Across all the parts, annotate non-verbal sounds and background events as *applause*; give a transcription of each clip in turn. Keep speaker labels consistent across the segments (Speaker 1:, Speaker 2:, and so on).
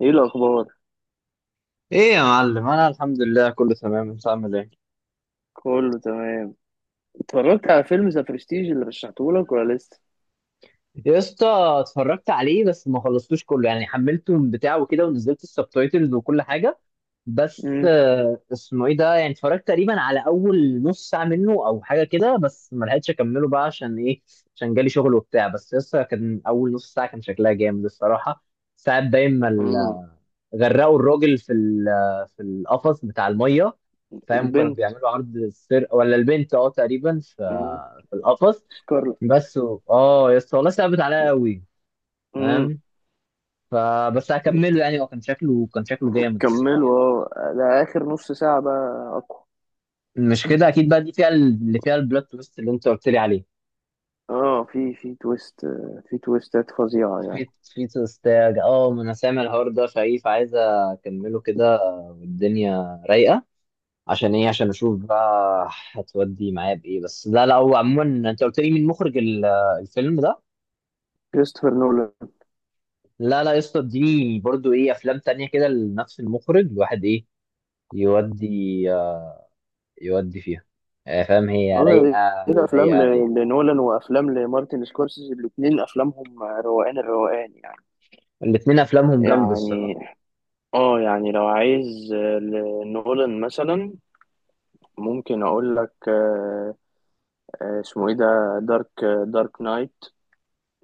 Speaker 1: ايه الاخبار؟
Speaker 2: ايه يا معلم؟ انا الحمد لله كله تمام. انت عامل ايه
Speaker 1: كله تمام. اتفرجت على فيلم ذا برستيج اللي رشحته لك ولا لسه؟
Speaker 2: يا اسطى؟ اتفرجت عليه بس ما خلصتوش كله، يعني حملته من بتاع وكده ونزلت السبتايتلز وكل حاجه. بس
Speaker 1: امم.
Speaker 2: اسمه ايه ده، يعني اتفرجت تقريبا على اول نص ساعه منه او حاجه كده، بس ما لحقتش اكمله بقى، عشان ايه؟ عشان جالي شغل وبتاع، بس لسه كان اول نص ساعه، كان شكلها جامد الصراحه. ساعات باين ما
Speaker 1: امم.
Speaker 2: غرقوا الراجل في القفص بتاع الميه. فاهم كانوا
Speaker 1: البنت.
Speaker 2: بيعملوا عرض السرقه، ولا البنت تقريبا في
Speaker 1: امم.
Speaker 2: في القفص.
Speaker 1: سكارلت.
Speaker 2: بس يا اسطى، والله صعبت عليا قوي.
Speaker 1: امم.
Speaker 2: فاهم. فبس هكمله، يعني هو كان شكله جامد الصراحه.
Speaker 1: كملوا، اه، ده اخر نص ساعه بقى اقوى.
Speaker 2: مش كده اكيد؟ بقى دي فيها اللي فيها البلوت تويست اللي انت قلت لي عليه.
Speaker 1: اه، في تويست، في تويستات فظيعه يعني.
Speaker 2: في تويستاج، ما انا سامع الحوار ده، شايف عايز اكمله كده. والدنيا رايقه. عشان ايه؟ عشان اشوف بقى هتودي معايا بايه. بس لا، لا، هو عموما، انت قلت لي مين مخرج الفيلم ده؟
Speaker 1: كريستوفر نولان.
Speaker 2: لا، لا يا اسطى، اديني برضو ايه افلام تانية كده لنفس المخرج الواحد، ايه يودي. آه، يودي فيها. آه، فاهم، هي
Speaker 1: اه،
Speaker 2: رايقه.
Speaker 1: ايه. ده افلام
Speaker 2: رايقه، رايقه.
Speaker 1: لنولان وافلام لمارتن سكورسيزي، الاتنين افلامهم روقان الروقان يعني.
Speaker 2: الاتنين افلامهم جامده
Speaker 1: يعني.
Speaker 2: الصراحه.
Speaker 1: اه، يعني لو عايز لنولان مثلا، ممكن اقول لك. اسمه ايه ده؟ دارك دارك نايت،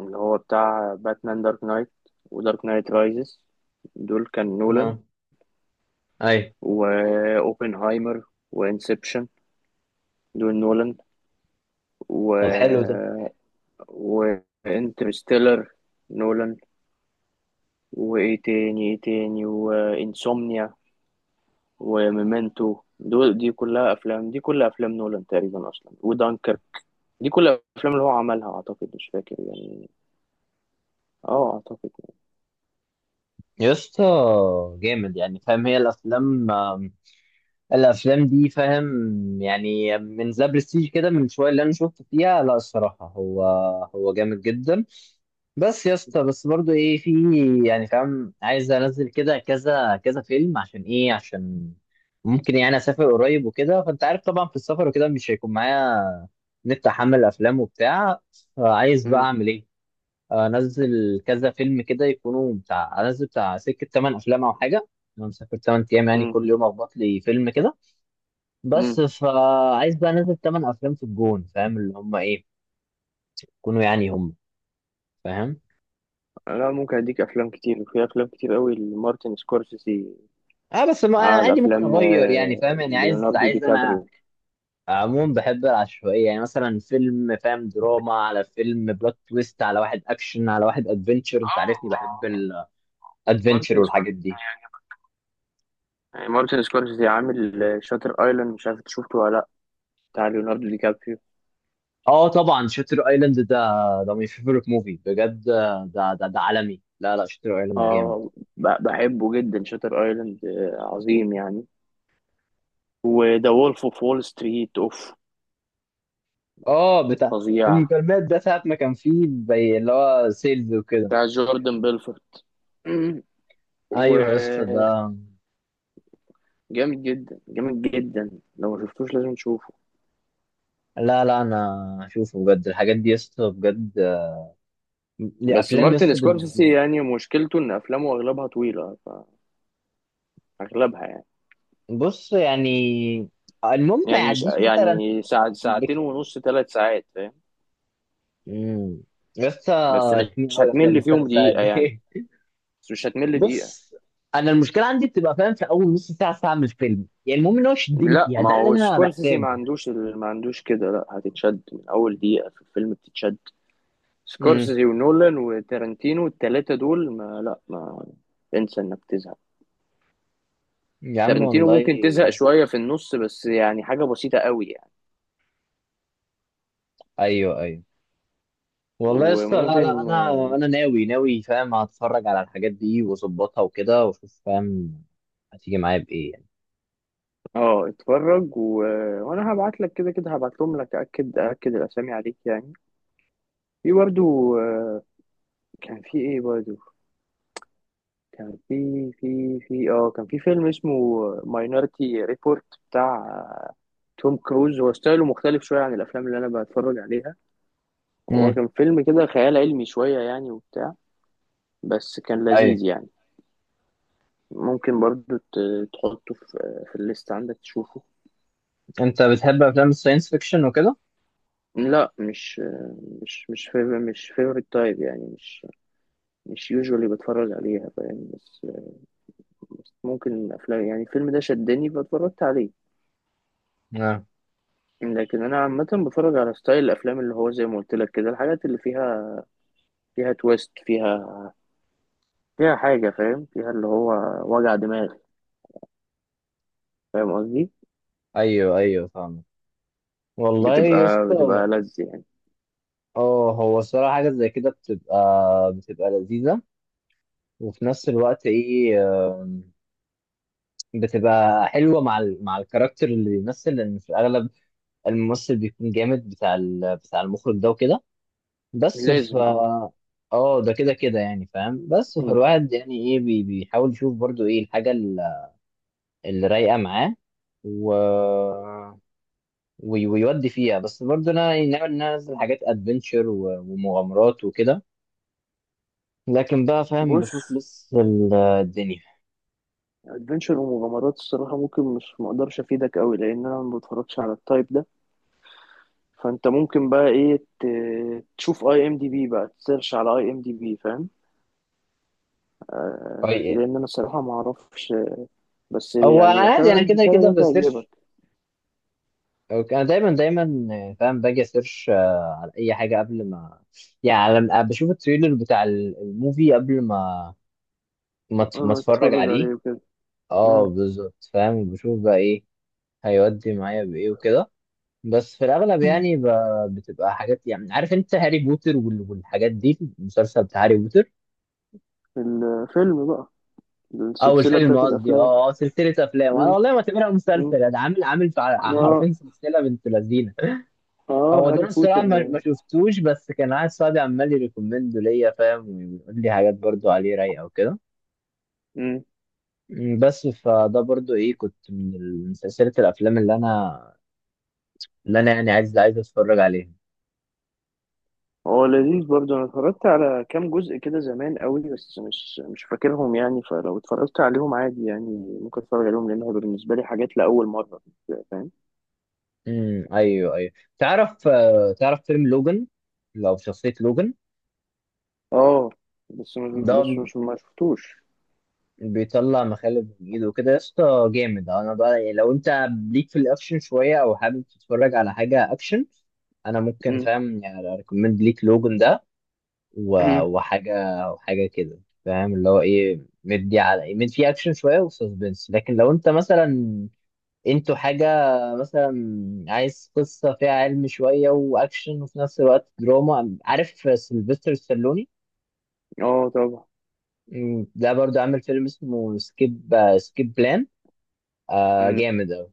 Speaker 1: اللي هو بتاع باتمان دارك نايت، ودارك نايت رايزز. دول كان نولان.
Speaker 2: اه. اي.
Speaker 1: واوبنهايمر، وانسبشن. دول نولان. و،
Speaker 2: طب حلو ده.
Speaker 1: وانترستيلر، نولان. وايه تاني، ايه تاني، وانسومنيا، وميمنتو. دول دي كلها افلام نولان تقريبا اصلا، ودانكر. دي كلها افلام اللي هو عملها، اعتقد، مش فاكر يعني. اه، اعتقد.
Speaker 2: يا اسطى جامد، يعني فاهم، هي الافلام. الافلام دي، فاهم، يعني من ذا برستيج كده من شويه اللي انا شفت فيها، لا الصراحه، هو جامد جدا. بس يا اسطى، بس برضو ايه في، يعني فاهم، عايز انزل كده كذا كذا فيلم. عشان ايه؟ عشان ممكن يعني اسافر قريب وكده، فانت عارف طبعا، في السفر وكده مش هيكون معايا نت، احمل افلام وبتاع. فعايز بقى
Speaker 1: مم.
Speaker 2: اعمل ايه؟ انزل كذا فيلم كده، يكونوا بتاع، انزل بتاع سكه 8 افلام او حاجه. انا مسافر 8 ايام، يعني
Speaker 1: مم.
Speaker 2: كل يوم اخبط لي فيلم كده.
Speaker 1: مم.
Speaker 2: بس فعايز بقى انزل تمن افلام في الجون، فاهم، اللي هم ايه يكونوا يعني، هم فاهم.
Speaker 1: لا، ممكن اديك افلام كتير، وفي افلام كتير قوي لمارتن سكورسيزي.
Speaker 2: اه بس ما
Speaker 1: على
Speaker 2: عادي، ممكن
Speaker 1: افلام
Speaker 2: اغير، يعني فاهم، يعني عايز
Speaker 1: ليوناردو دي
Speaker 2: عايز انا
Speaker 1: كابريو.
Speaker 2: عموما بحب العشوائيه، يعني مثلا فيلم، فاهم، دراما على فيلم بلوت تويست على واحد اكشن على واحد ادفنتشر، انت عارفني بحب
Speaker 1: آه،
Speaker 2: الادفنتشر
Speaker 1: مارتن
Speaker 2: والحاجات
Speaker 1: سكورسيزي
Speaker 2: دي.
Speaker 1: يعني. مارتن سكورسيزي عامل شاتر ايلاند، مش عارف إنت شفته ولا لا؟ بتاع ليوناردو دي كابريو.
Speaker 2: اه طبعا، شاتر ايلاند ده ده ماي فيفورت موفي بجد. ده عالمي. لا، لا، شاتر ايلاند جامد.
Speaker 1: اه، بحبه جدا شاتر ايلاند، عظيم يعني. وذا وولف اوف وول ستريت اوف.
Speaker 2: اه بتاع
Speaker 1: فظيع.
Speaker 2: المكالمات ده، ساعة ما كان فيه زي اللي هو سيلز وكده.
Speaker 1: بتاع جوردن بيلفورت. *clears throat*
Speaker 2: ايوه يا اسطى
Speaker 1: وجامد
Speaker 2: ده.
Speaker 1: جدا، جامد جدا، لو ما شفتوش لازم تشوفه.
Speaker 2: لا، لا، انا اشوفه بجد، الحاجات دي يا اسطى بجد.
Speaker 1: بس
Speaker 2: الافلام يا
Speaker 1: مارتن
Speaker 2: اسطى
Speaker 1: سكورسيزي يعني مشكلته ان افلامه اغلبها طويله، اغلبها يعني.
Speaker 2: بص، يعني المهم ما
Speaker 1: يعني مش
Speaker 2: يعديش مثلا.
Speaker 1: يعني ساعة، ساعتين
Speaker 2: بك...
Speaker 1: ونص، ثلاث ساعات، فاهم.
Speaker 2: مم. يا اسطى،
Speaker 1: بس مش
Speaker 2: رخمين
Speaker 1: مش
Speaker 2: قوي الافلام
Speaker 1: هتمل فيهم
Speaker 2: الثلاث ساعات
Speaker 1: دقيقه يعني.
Speaker 2: دي. *laughs*
Speaker 1: بس مش هتمل دقيقه.
Speaker 2: بص، انا المشكله عندي بتبقى، فاهم، في اول نص ساعه ساعه من الفيلم، يعني المهم ان هو يشدني
Speaker 1: لا،
Speaker 2: فيها،
Speaker 1: ما
Speaker 2: ده اللي
Speaker 1: هو
Speaker 2: انا
Speaker 1: سكورسيزي ما
Speaker 2: محتاجه.
Speaker 1: عندوش ما عندوش كده. لا، هتتشد من اول دقيقه في الفيلم، بتتشد.
Speaker 2: امم.
Speaker 1: سكورسيزي ونولان وتارنتينو، الثلاثه دول، ما، لا، ما انسى انك تزهق.
Speaker 2: يا عم
Speaker 1: تارنتينو ممكن
Speaker 2: والله.
Speaker 1: تزهق شويه في النص، بس يعني حاجه بسيطه قوي يعني.
Speaker 2: ايوه، ايوه. والله يا اسطى، لا، لا
Speaker 1: وممكن.
Speaker 2: انا ناوي ناوي، فاهم، هتفرج على الحاجات دي واظبطها وكده واشوف، فاهم هتيجي معايا بايه يعني.
Speaker 1: اه، اتفرج وانا هبعت لك كده كده، هبعت لهم لك، اكد اكد الاسامي عليك يعني. في برضو. كان في ايه برضو؟ كان في في في اه كان في فيلم اسمه ماينورتي ريبورت، بتاع توم كروز. هو ستايله مختلف شويه عن الافلام اللي انا بتفرج عليها. هو
Speaker 2: امم.
Speaker 1: كان فيلم كده خيال علمي شويه يعني، وبتاع. بس كان
Speaker 2: ايوه.
Speaker 1: لذيذ يعني. ممكن برضو تحطه في الليست عندك تشوفه.
Speaker 2: انت بتحب افلام الساينس فيكشن وكده؟
Speaker 1: لا، مش فيفورت تايب يعني، مش يوجوالي بتفرج عليها، فاهم. بس ممكن افلام، يعني الفيلم ده شدني فاتفرجت عليه.
Speaker 2: نعم.
Speaker 1: لكن انا عامه بتفرج على ستايل الافلام، اللي هو زي ما قلت لك كده، الحاجات اللي فيها، فيها تويست، فيها، فيها حاجه، فاهم، فيها اللي هو وجع دماغ. فاهم قصدي؟
Speaker 2: ايوه، ايوه، فاهم. والله يا
Speaker 1: بتبقى
Speaker 2: اسطى.
Speaker 1: بتبقى لذ يعني.
Speaker 2: اه، هو الصراحه حاجه زي كده بتبقى لذيذه. وفي نفس الوقت، ايه، آم، بتبقى حلوه مع الكاركتر اللي بيمثل، لان في الاغلب الممثل بيكون جامد بتاع المخرج ده وكده. بس ف.
Speaker 1: لازم، اه.
Speaker 2: اه ده كده كده، يعني فاهم، بس
Speaker 1: مم.
Speaker 2: فالواحد يعني ايه بيحاول يشوف برضو ايه الحاجة اللي رايقة معاه. و... ويودي فيها، بس برضو انا يعني ناوي ان انا انزل حاجات ادفنتشر ومغامرات وكده. لكن بقى فاهم،
Speaker 1: بص،
Speaker 2: بشوف لسه الدنيا.
Speaker 1: ادفنشر ومغامرات الصراحه ممكن، مش مقدرش افيدك قوي، لان انا ما بتفرجش على التايب ده. فانت ممكن بقى ايه، تشوف اي ام دي بي، بقى تسيرش على اي ام دي بي فاهم.
Speaker 2: طيب.
Speaker 1: لان انا الصراحه ما اعرفش. بس
Speaker 2: هو
Speaker 1: يعني الافلام
Speaker 2: عادي،
Speaker 1: اللي
Speaker 2: انا
Speaker 1: أنا
Speaker 2: كده
Speaker 1: اديتها لك
Speaker 2: كده
Speaker 1: دي تعجبك.
Speaker 2: بسيرش. أوكي، انا دايما دايما، فاهم، باجي اسيرش على اي حاجة قبل ما، يعني لما بشوف التريلر بتاع الموفي قبل ما
Speaker 1: اول
Speaker 2: ما
Speaker 1: ما
Speaker 2: اتفرج
Speaker 1: تتفرج
Speaker 2: عليه.
Speaker 1: عليه وكده.
Speaker 2: اه
Speaker 1: امم.
Speaker 2: بالظبط، فاهم بشوف بقى ايه هيودي معايا بايه وكده. بس في الاغلب
Speaker 1: مم.
Speaker 2: يعني بتبقى حاجات، يعني عارف انت هاري بوتر والحاجات دي، المسلسل بتاع هاري بوتر
Speaker 1: الفيلم بقى،
Speaker 2: او
Speaker 1: السلسله
Speaker 2: الفيلم
Speaker 1: بتاعت
Speaker 2: قصدي،
Speaker 1: الافلام.
Speaker 2: سلسله افلام. انا
Speaker 1: امم.
Speaker 2: والله ما اعتبرها
Speaker 1: امم.
Speaker 2: مسلسل، انا عامل في
Speaker 1: اه.
Speaker 2: حرفين سلسله بنت لذينه.
Speaker 1: اه،
Speaker 2: هو ده
Speaker 1: هاري
Speaker 2: أنا الصراحه
Speaker 1: بوتر.
Speaker 2: ما شفتوش، بس كان قاعد صاحبي عمال يريكومند ليا، فاهم، ويقول لي حاجات برضو عليه رايقه وكده.
Speaker 1: امم.
Speaker 2: بس فده برضو ايه، كنت من سلسلة الافلام اللي انا يعني عايز اتفرج عليها.
Speaker 1: هو لذيذ برضه، انا اتفرجت على كام جزء كده زمان قوي، بس مش فاكرهم يعني. فلو اتفرجت عليهم عادي يعني، ممكن اتفرج عليهم، لان هو بالنسبه لي حاجات لاول مره. فاهم.
Speaker 2: امم. ايوه، ايوه. تعرف فيلم لوجان، لو شخصية لوجان.
Speaker 1: اه، بس مش
Speaker 2: ده
Speaker 1: بس مش ما شفتوش.
Speaker 2: بيطلع مخالب من ايده وكده، يا اسطى جامد. انا بقى يعني لو انت ليك في الاكشن شوية، او حابب تتفرج على حاجة اكشن، انا ممكن،
Speaker 1: امم.
Speaker 2: فاهم، يعني اريكومند ليك لوجان ده. و-
Speaker 1: أمم.
Speaker 2: وحاجة وحاجة كده، فاهم اللي هو ايه، مدي على مد، فيه اكشن شوية وسسبنس، لكن لو انت مثلا انتوا حاجة، مثلا، عايز قصة فيها علم شوية واكشن وفي نفس الوقت دراما، عارف سيلفستر ستالوني.
Speaker 1: *clears throat* اه، طبعا.
Speaker 2: ده برضو عامل فيلم اسمه سكيب بلان. آه جامد اوي.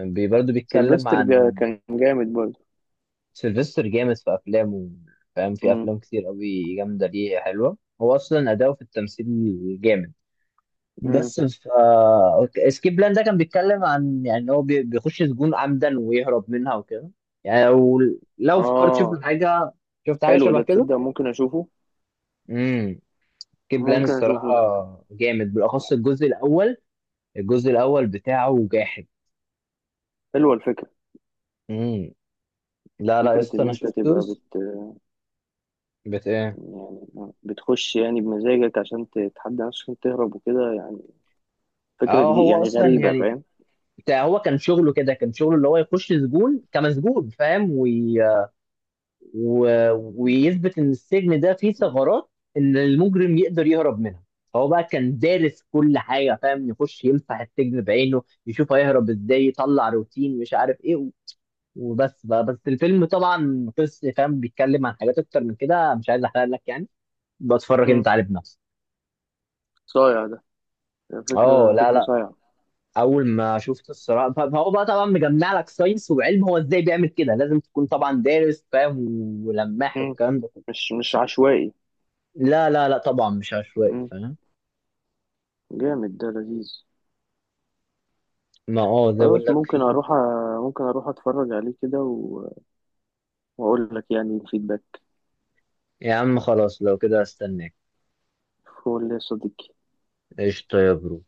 Speaker 2: برضو بيتكلم
Speaker 1: سيلفستر،
Speaker 2: عن
Speaker 1: كان جامد برضه.
Speaker 2: سيلفستر جامد في افلامه، فاهم، في
Speaker 1: امم.
Speaker 2: افلام كتير قوي جامدة ليه حلوة، هو اصلا اداؤه في التمثيل جامد.
Speaker 1: امم.
Speaker 2: بس ف اسكيب بلان ده كان بيتكلم عن، يعني إن هو بيخش سجون عمدا ويهرب منها وكده. يعني لو فكرت، شفت
Speaker 1: اه،
Speaker 2: حاجه شفت حاجه
Speaker 1: حلو
Speaker 2: شبه
Speaker 1: ده،
Speaker 2: كده.
Speaker 1: تصدق ممكن اشوفه.
Speaker 2: امم. اسكيب بلان
Speaker 1: ممكن اشوفه
Speaker 2: الصراحه
Speaker 1: ده.
Speaker 2: جامد، بالاخص الجزء الاول. الجزء الاول بتاعه جاحد.
Speaker 1: حلوه الفكره.
Speaker 2: امم. لا، لا يا
Speaker 1: فكره
Speaker 2: اسطى،
Speaker 1: ان
Speaker 2: انا
Speaker 1: انت
Speaker 2: شفته.
Speaker 1: تبقى
Speaker 2: بت ايه؟
Speaker 1: يعني بتخش يعني بمزاجك، عشان تتحدى نفسك، عشان تهرب وكده يعني. فكره
Speaker 2: اه،
Speaker 1: جديده
Speaker 2: هو
Speaker 1: يعني،
Speaker 2: اصلا
Speaker 1: غريبه
Speaker 2: يعني
Speaker 1: فاهم.
Speaker 2: بتاع، هو كان شغله كده، كان شغله اللي هو يخش سجون كمسجون، فاهم، و... ويثبت ان السجن ده فيه ثغرات، ان المجرم يقدر يهرب منها. فهو بقى كان دارس كل حاجه، فاهم، يخش يمسح السجن بعينه، يشوف هيهرب ازاي، يطلع روتين مش عارف ايه وبس بقى، بس الفيلم طبعا قصه، فاهم، بيتكلم عن حاجات اكتر من كده، مش عايز احرق لك يعني، بتفرج انت
Speaker 1: امم.
Speaker 2: عليه بنفسك.
Speaker 1: صايع ده.
Speaker 2: اه،
Speaker 1: فكره
Speaker 2: لا،
Speaker 1: فكره
Speaker 2: لا.
Speaker 1: صايعه.
Speaker 2: اول ما شفت الصراع، فهو بقى طبعا مجمع لك ساينس وعلم، هو ازاي بيعمل كده لازم تكون طبعا دارس، فاهم، ولماح
Speaker 1: امم.
Speaker 2: والكلام ده كله.
Speaker 1: مش عشوائي.
Speaker 2: لا، لا، لا، طبعا مش عشوائي،
Speaker 1: امم.
Speaker 2: فاهم.
Speaker 1: جامد ده، لذيذ.
Speaker 2: ما زي اقول
Speaker 1: خلاص،
Speaker 2: لك
Speaker 1: ممكن
Speaker 2: فيه.
Speaker 1: اروح ممكن اروح اتفرج عليه كده واقول لك يعني الفيدباك.
Speaker 2: يا عم خلاص، لو كده هستناك.
Speaker 1: قول لي يا صديقي.
Speaker 2: قشطة يا برو.